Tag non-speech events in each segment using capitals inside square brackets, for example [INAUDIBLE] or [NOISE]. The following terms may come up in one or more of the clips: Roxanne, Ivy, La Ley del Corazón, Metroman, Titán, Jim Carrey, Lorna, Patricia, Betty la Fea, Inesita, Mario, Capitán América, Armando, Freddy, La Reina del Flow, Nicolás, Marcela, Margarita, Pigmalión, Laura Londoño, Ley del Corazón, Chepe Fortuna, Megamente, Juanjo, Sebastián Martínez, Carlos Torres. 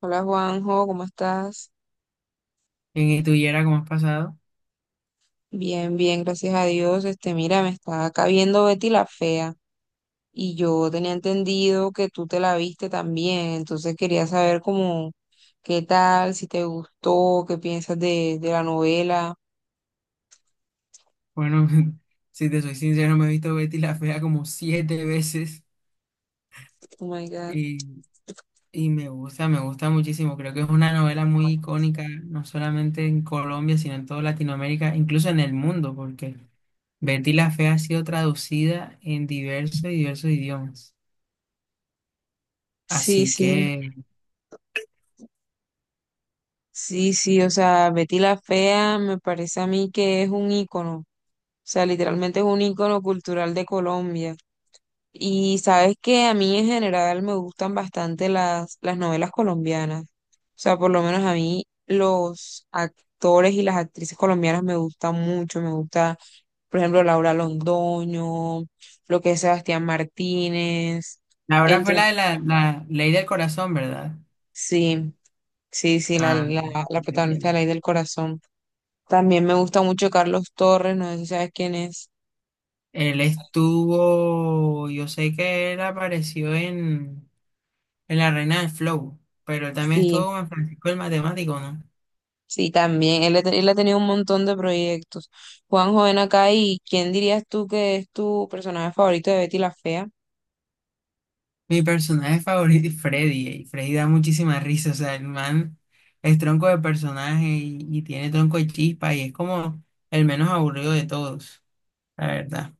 Hola Juanjo, ¿cómo estás? En tu y tú, Yera, cómo has pasado. Bien, bien, gracias a Dios. Mira, me está acá viendo Betty la Fea y yo tenía entendido que tú te la viste también, entonces quería saber cómo, qué tal, si te gustó, qué piensas de la novela. Bueno, [LAUGHS] si te soy sincero, me he visto Betty la Fea como 7 veces Oh my God. y, y me gusta muchísimo. Creo que es una novela muy icónica, no solamente en Colombia, sino en toda Latinoamérica, incluso en el mundo, porque Betty la Fea ha sido traducida en diversos y diversos idiomas. Sí, Así sí, que, sí, sí, o sea, Betty la Fea me parece a mí que es un ícono, o sea, literalmente es un ícono cultural de Colombia. Y sabes que a mí en general me gustan bastante las novelas colombianas. O sea, por lo menos a mí los actores y las actrices colombianas me gustan mucho. Me gusta, por ejemplo, Laura Londoño, lo que es Sebastián Martínez, ahora fue entre... la de la, la Ley del Corazón, ¿verdad? Sí, sí, sí, Ah, no la no sé protagonista de La quién. Ley del Corazón. También me gusta mucho Carlos Torres, no sé si sabes quién es. Él estuvo, yo sé que él apareció en la Reina del Flow, pero también estuvo Sí. con Francisco el Matemático, ¿no? Sí, también. Él ha tenido un montón de proyectos. Juanjo, ven acá, ¿y quién dirías tú que es tu personaje favorito de Betty la Fea? Mi personaje favorito es Freddy, y Freddy da muchísima risa, o sea, el man es tronco de personaje y tiene tronco de chispa y es como el menos aburrido de todos, la verdad.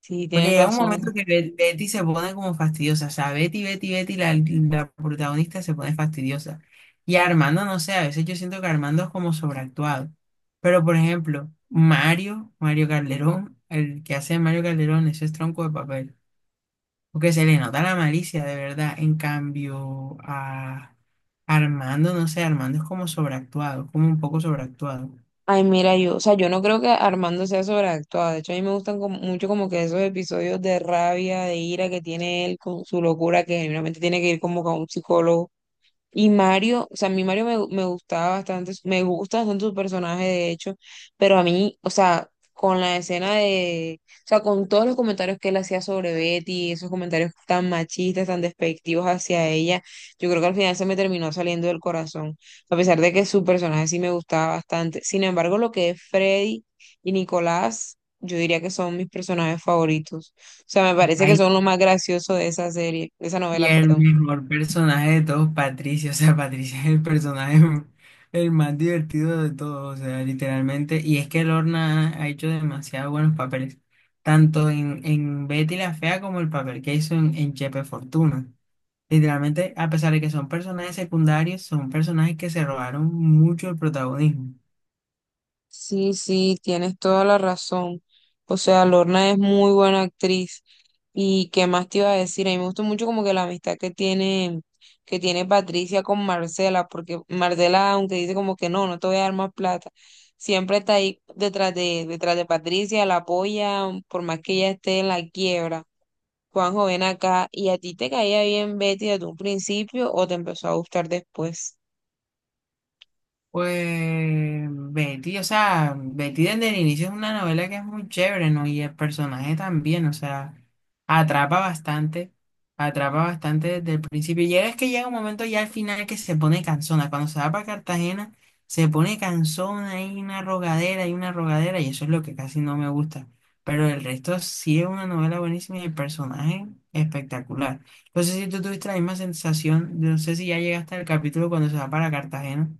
Sí, Porque tienes llega un momento razón. que Betty se pone como fastidiosa. O sea, Betty, Betty, Betty, la protagonista se pone fastidiosa. Y Armando, no sé, a veces yo siento que Armando es como sobreactuado. Pero, por ejemplo, Mario, Mario Calderón, el que hace Mario Calderón, eso es tronco de papel. Porque se le nota la malicia, de verdad. En cambio, a Armando, no sé, Armando es como sobreactuado, como un poco sobreactuado. Ay, mira, yo, o sea, yo no creo que Armando sea sobreactuado. De hecho, a mí me gustan como- mucho como que esos episodios de rabia, de ira que tiene él con su locura, que generalmente tiene que ir como con un psicólogo. Y Mario, o sea, a mí Mario me gustaba bastante, me gusta bastante su personaje, de hecho, pero a mí, o sea, con la escena de, o sea, con todos los comentarios que él hacía sobre Betty, esos comentarios tan machistas, tan despectivos hacia ella, yo creo que al final se me terminó saliendo del corazón, a pesar de que su personaje sí me gustaba bastante. Sin embargo, lo que es Freddy y Nicolás, yo diría que son mis personajes favoritos. O sea, me parece que son lo más gracioso de esa serie, de esa Y novela, el perdón. mejor personaje de todos, Patricio. O sea, Patricio es el personaje el más divertido de todos. O sea, literalmente. Y es que Lorna ha hecho demasiado buenos papeles. Tanto en Betty la Fea como el papel que hizo en Chepe Fortuna. Literalmente, a pesar de que son personajes secundarios, son personajes que se robaron mucho el protagonismo. Sí, sí, tienes toda la razón. O sea, Lorna es muy buena actriz. ¿Y qué más te iba a decir? A mí me gusta mucho como que la amistad que tiene Patricia con Marcela, porque Marcela, aunque dice como que no, no te voy a dar más plata, siempre está ahí detrás detrás de Patricia, la apoya, por más que ella esté en la quiebra. Juanjo, ven acá, ¿y a ti te caía bien Betty desde un principio o te empezó a gustar después? Pues Betty, o sea, Betty desde el inicio es una novela que es muy chévere, ¿no? Y el personaje también, o sea, atrapa bastante, atrapa bastante desde el principio. Y es que llega un momento ya al final que se pone cansona. Cuando se va para Cartagena, se pone cansona, hay una rogadera, hay una rogadera, y eso es lo que casi no me gusta. Pero el resto sí es una novela buenísima y el personaje espectacular. No sé si tú tuviste la misma sensación, no sé si ya llegaste al capítulo cuando se va para Cartagena.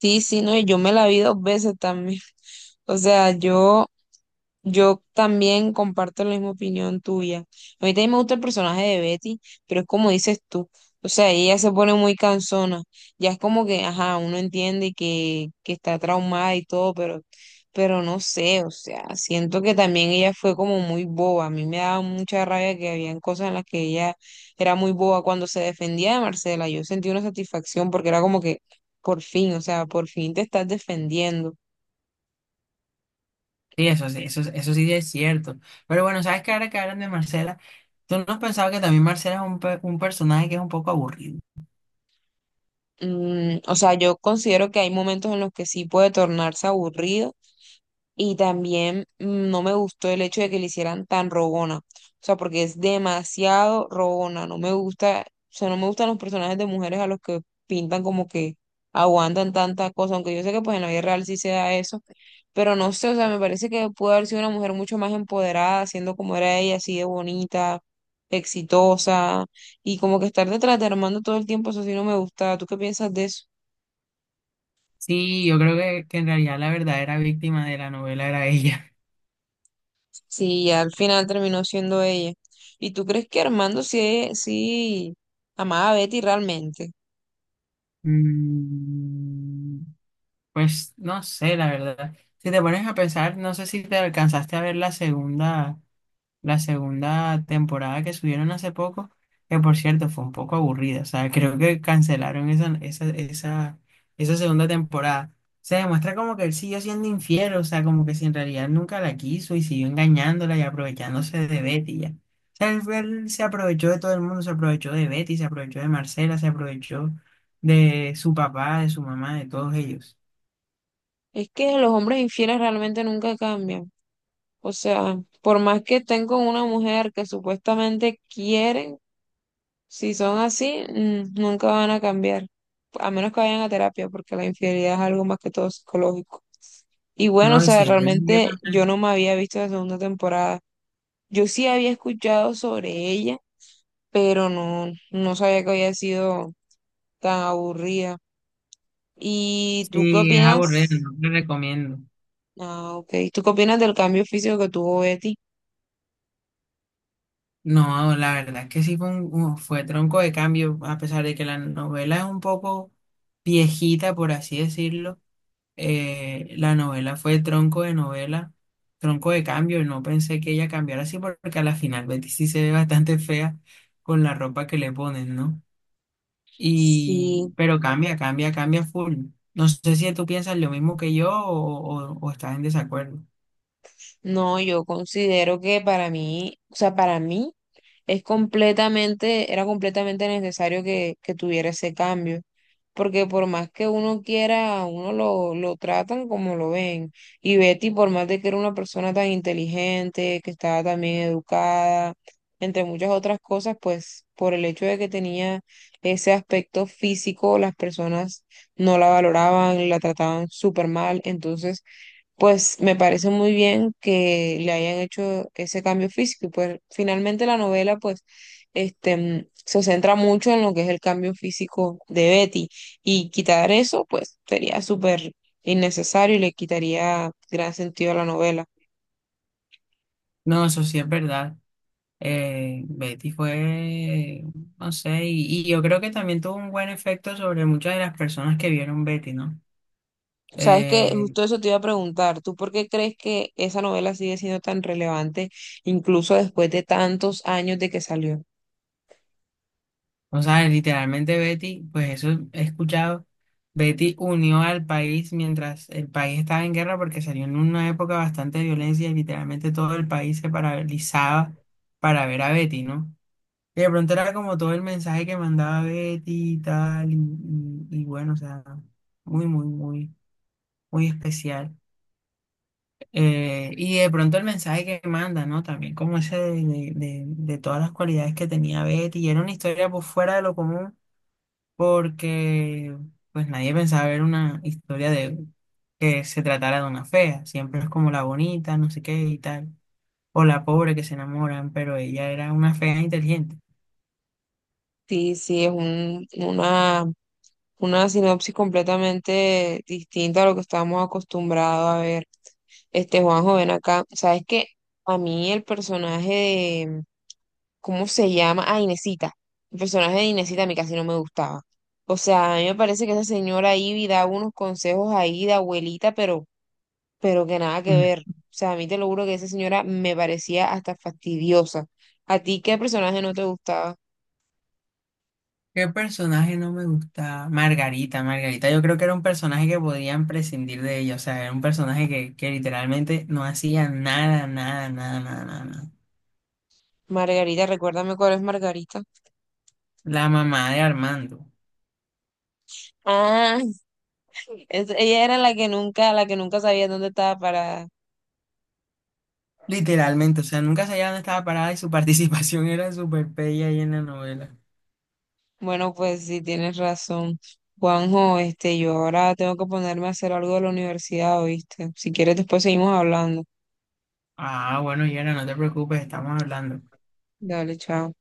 Sí, sí, no, y yo me la vi dos veces también. [LAUGHS] O sea, yo también comparto la misma opinión tuya. A mí también me gusta el personaje de Betty, pero es como dices tú. O sea, ella se pone muy cansona. Ya es como que, ajá, uno entiende que está traumada y todo, pero no sé, o sea, siento que también ella fue como muy boba. A mí me daba mucha rabia que habían cosas en las que ella era muy boba. Cuando se defendía de Marcela, yo sentí una satisfacción porque era como que, por fin, o sea, por fin te estás defendiendo. Sí, eso, eso, eso sí es cierto. Pero bueno, ¿sabes qué? Ahora que hablan de Marcela, ¿tú no has pensado que también Marcela es un personaje que es un poco aburrido? Mm, o sea, yo considero que hay momentos en los que sí puede tornarse aburrido y también no me gustó el hecho de que le hicieran tan rogona. O sea, porque es demasiado rogona. No me gusta, o sea, no me gustan los personajes de mujeres a los que pintan como que aguantan tanta cosa, aunque yo sé que pues en la vida real sí se da eso, pero no sé, o sea, me parece que pudo haber sido una mujer mucho más empoderada, siendo como era ella, así de bonita, exitosa, y como que estar detrás de Armando todo el tiempo, eso sí no me gusta. ¿Tú qué piensas de eso? Sí, yo creo que en realidad la verdadera víctima de la novela era ella. [LAUGHS] Sí, al final terminó siendo ella. ¿Y tú crees que Armando sí amaba a Betty realmente? Mm, pues no sé, la verdad. Si te pones a pensar, no sé si te alcanzaste a ver la segunda, la segunda temporada que subieron hace poco, que por cierto fue un poco aburrida, o sea, creo que cancelaron esa, esa, esa, esa segunda temporada. Se demuestra como que él siguió siendo infiel, o sea, como que si en realidad nunca la quiso y siguió engañándola y aprovechándose de Betty ya. O sea, él se aprovechó de todo el mundo, se aprovechó de Betty, se aprovechó de Marcela, se aprovechó de su papá, de su mamá, de todos ellos. Es que los hombres infieles realmente nunca cambian. O sea, por más que estén con una mujer que supuestamente quieren, si son así, nunca van a cambiar. A menos que vayan a terapia, porque la infidelidad es algo más que todo psicológico. Y bueno, o No, y sea, si es, realmente yo no me había visto la segunda temporada. Yo sí había escuchado sobre ella pero no, no sabía que había sido tan aburrida. ¿Y tú qué sí, es aburrido, opinas? no te recomiendo. Ah, ok. ¿Tú qué opinas del cambio físico que tuvo Betty? No, la verdad es que sí fue, fue tronco de cambio, a pesar de que la novela es un poco viejita, por así decirlo. Eh, la novela fue tronco de novela, tronco de cambio, y no pensé que ella cambiara así, porque a la final Betty sí se ve bastante fea con la ropa que le ponen, ¿no? Y, Sí, pero cambia, cambia, cambia full. No sé si tú piensas lo mismo que yo o, o estás en desacuerdo. no, yo considero que para mí, o sea, para mí es completamente, era completamente necesario que tuviera ese cambio, porque por más que uno quiera, a uno lo tratan como lo ven. Y Betty, por más de que era una persona tan inteligente, que estaba también educada, entre muchas otras cosas, pues por el hecho de que tenía ese aspecto físico, las personas no la valoraban, la trataban súper mal, entonces pues me parece muy bien que le hayan hecho ese cambio físico. Y pues finalmente la novela, pues, se centra mucho en lo que es el cambio físico de Betty. Y quitar eso, pues, sería súper innecesario y le quitaría gran sentido a la novela. No, eso sí es verdad. Betty fue, no sé, y yo creo que también tuvo un buen efecto sobre muchas de las personas que vieron Betty, ¿no? Sabes que Eh, justo eso te iba a preguntar, ¿tú por qué crees que esa novela sigue siendo tan relevante incluso después de tantos años de que salió? o sea, literalmente Betty, pues eso he escuchado, Betty unió al país mientras el país estaba en guerra porque salió en una época bastante de violencia y literalmente todo el país se paralizaba para ver a Betty, ¿no? Y de pronto era como todo el mensaje que mandaba Betty y tal, y bueno, o sea, muy, muy, muy, muy especial. Y de pronto el mensaje que manda, ¿no? También como ese de, de todas las cualidades que tenía Betty. Y era una historia pues fuera de lo común porque pues nadie pensaba ver una historia de que se tratara de una fea. Siempre es como la bonita, no sé qué y tal. O la pobre que se enamoran, pero ella era una fea inteligente. Sí, sí, una sinopsis completamente distinta a lo que estábamos acostumbrados a ver. Juanjo, ven acá. ¿Sabes que a mí el personaje de, ¿cómo se llama? Ah, Inesita. El personaje de Inesita a mí casi no me gustaba. O sea, a mí me parece que esa señora Ivy da unos consejos ahí de abuelita, pero que nada que ver. [LAUGHS] O sea, a mí te lo juro que esa señora me parecía hasta fastidiosa. ¿A ti qué personaje no te gustaba? ¿Qué personaje no me gustaba? Margarita, Margarita. Yo creo que era un personaje que podían prescindir de ella. O sea, era un personaje que literalmente no hacía nada, nada, nada, nada, nada, nada. Margarita, recuérdame cuál es Margarita. La mamá de Armando. Ah, ella era la que nunca sabía dónde estaba para. Literalmente, o sea, nunca sabía dónde estaba parada y su participación [LAUGHS] era súper bella ahí en la novela. Bueno, pues sí, tienes razón. Juanjo, yo ahora tengo que ponerme a hacer algo de la universidad, ¿oíste? Si quieres, después seguimos hablando. Ah, bueno, Yera, no te preocupes, estamos hablando. Dale, chao.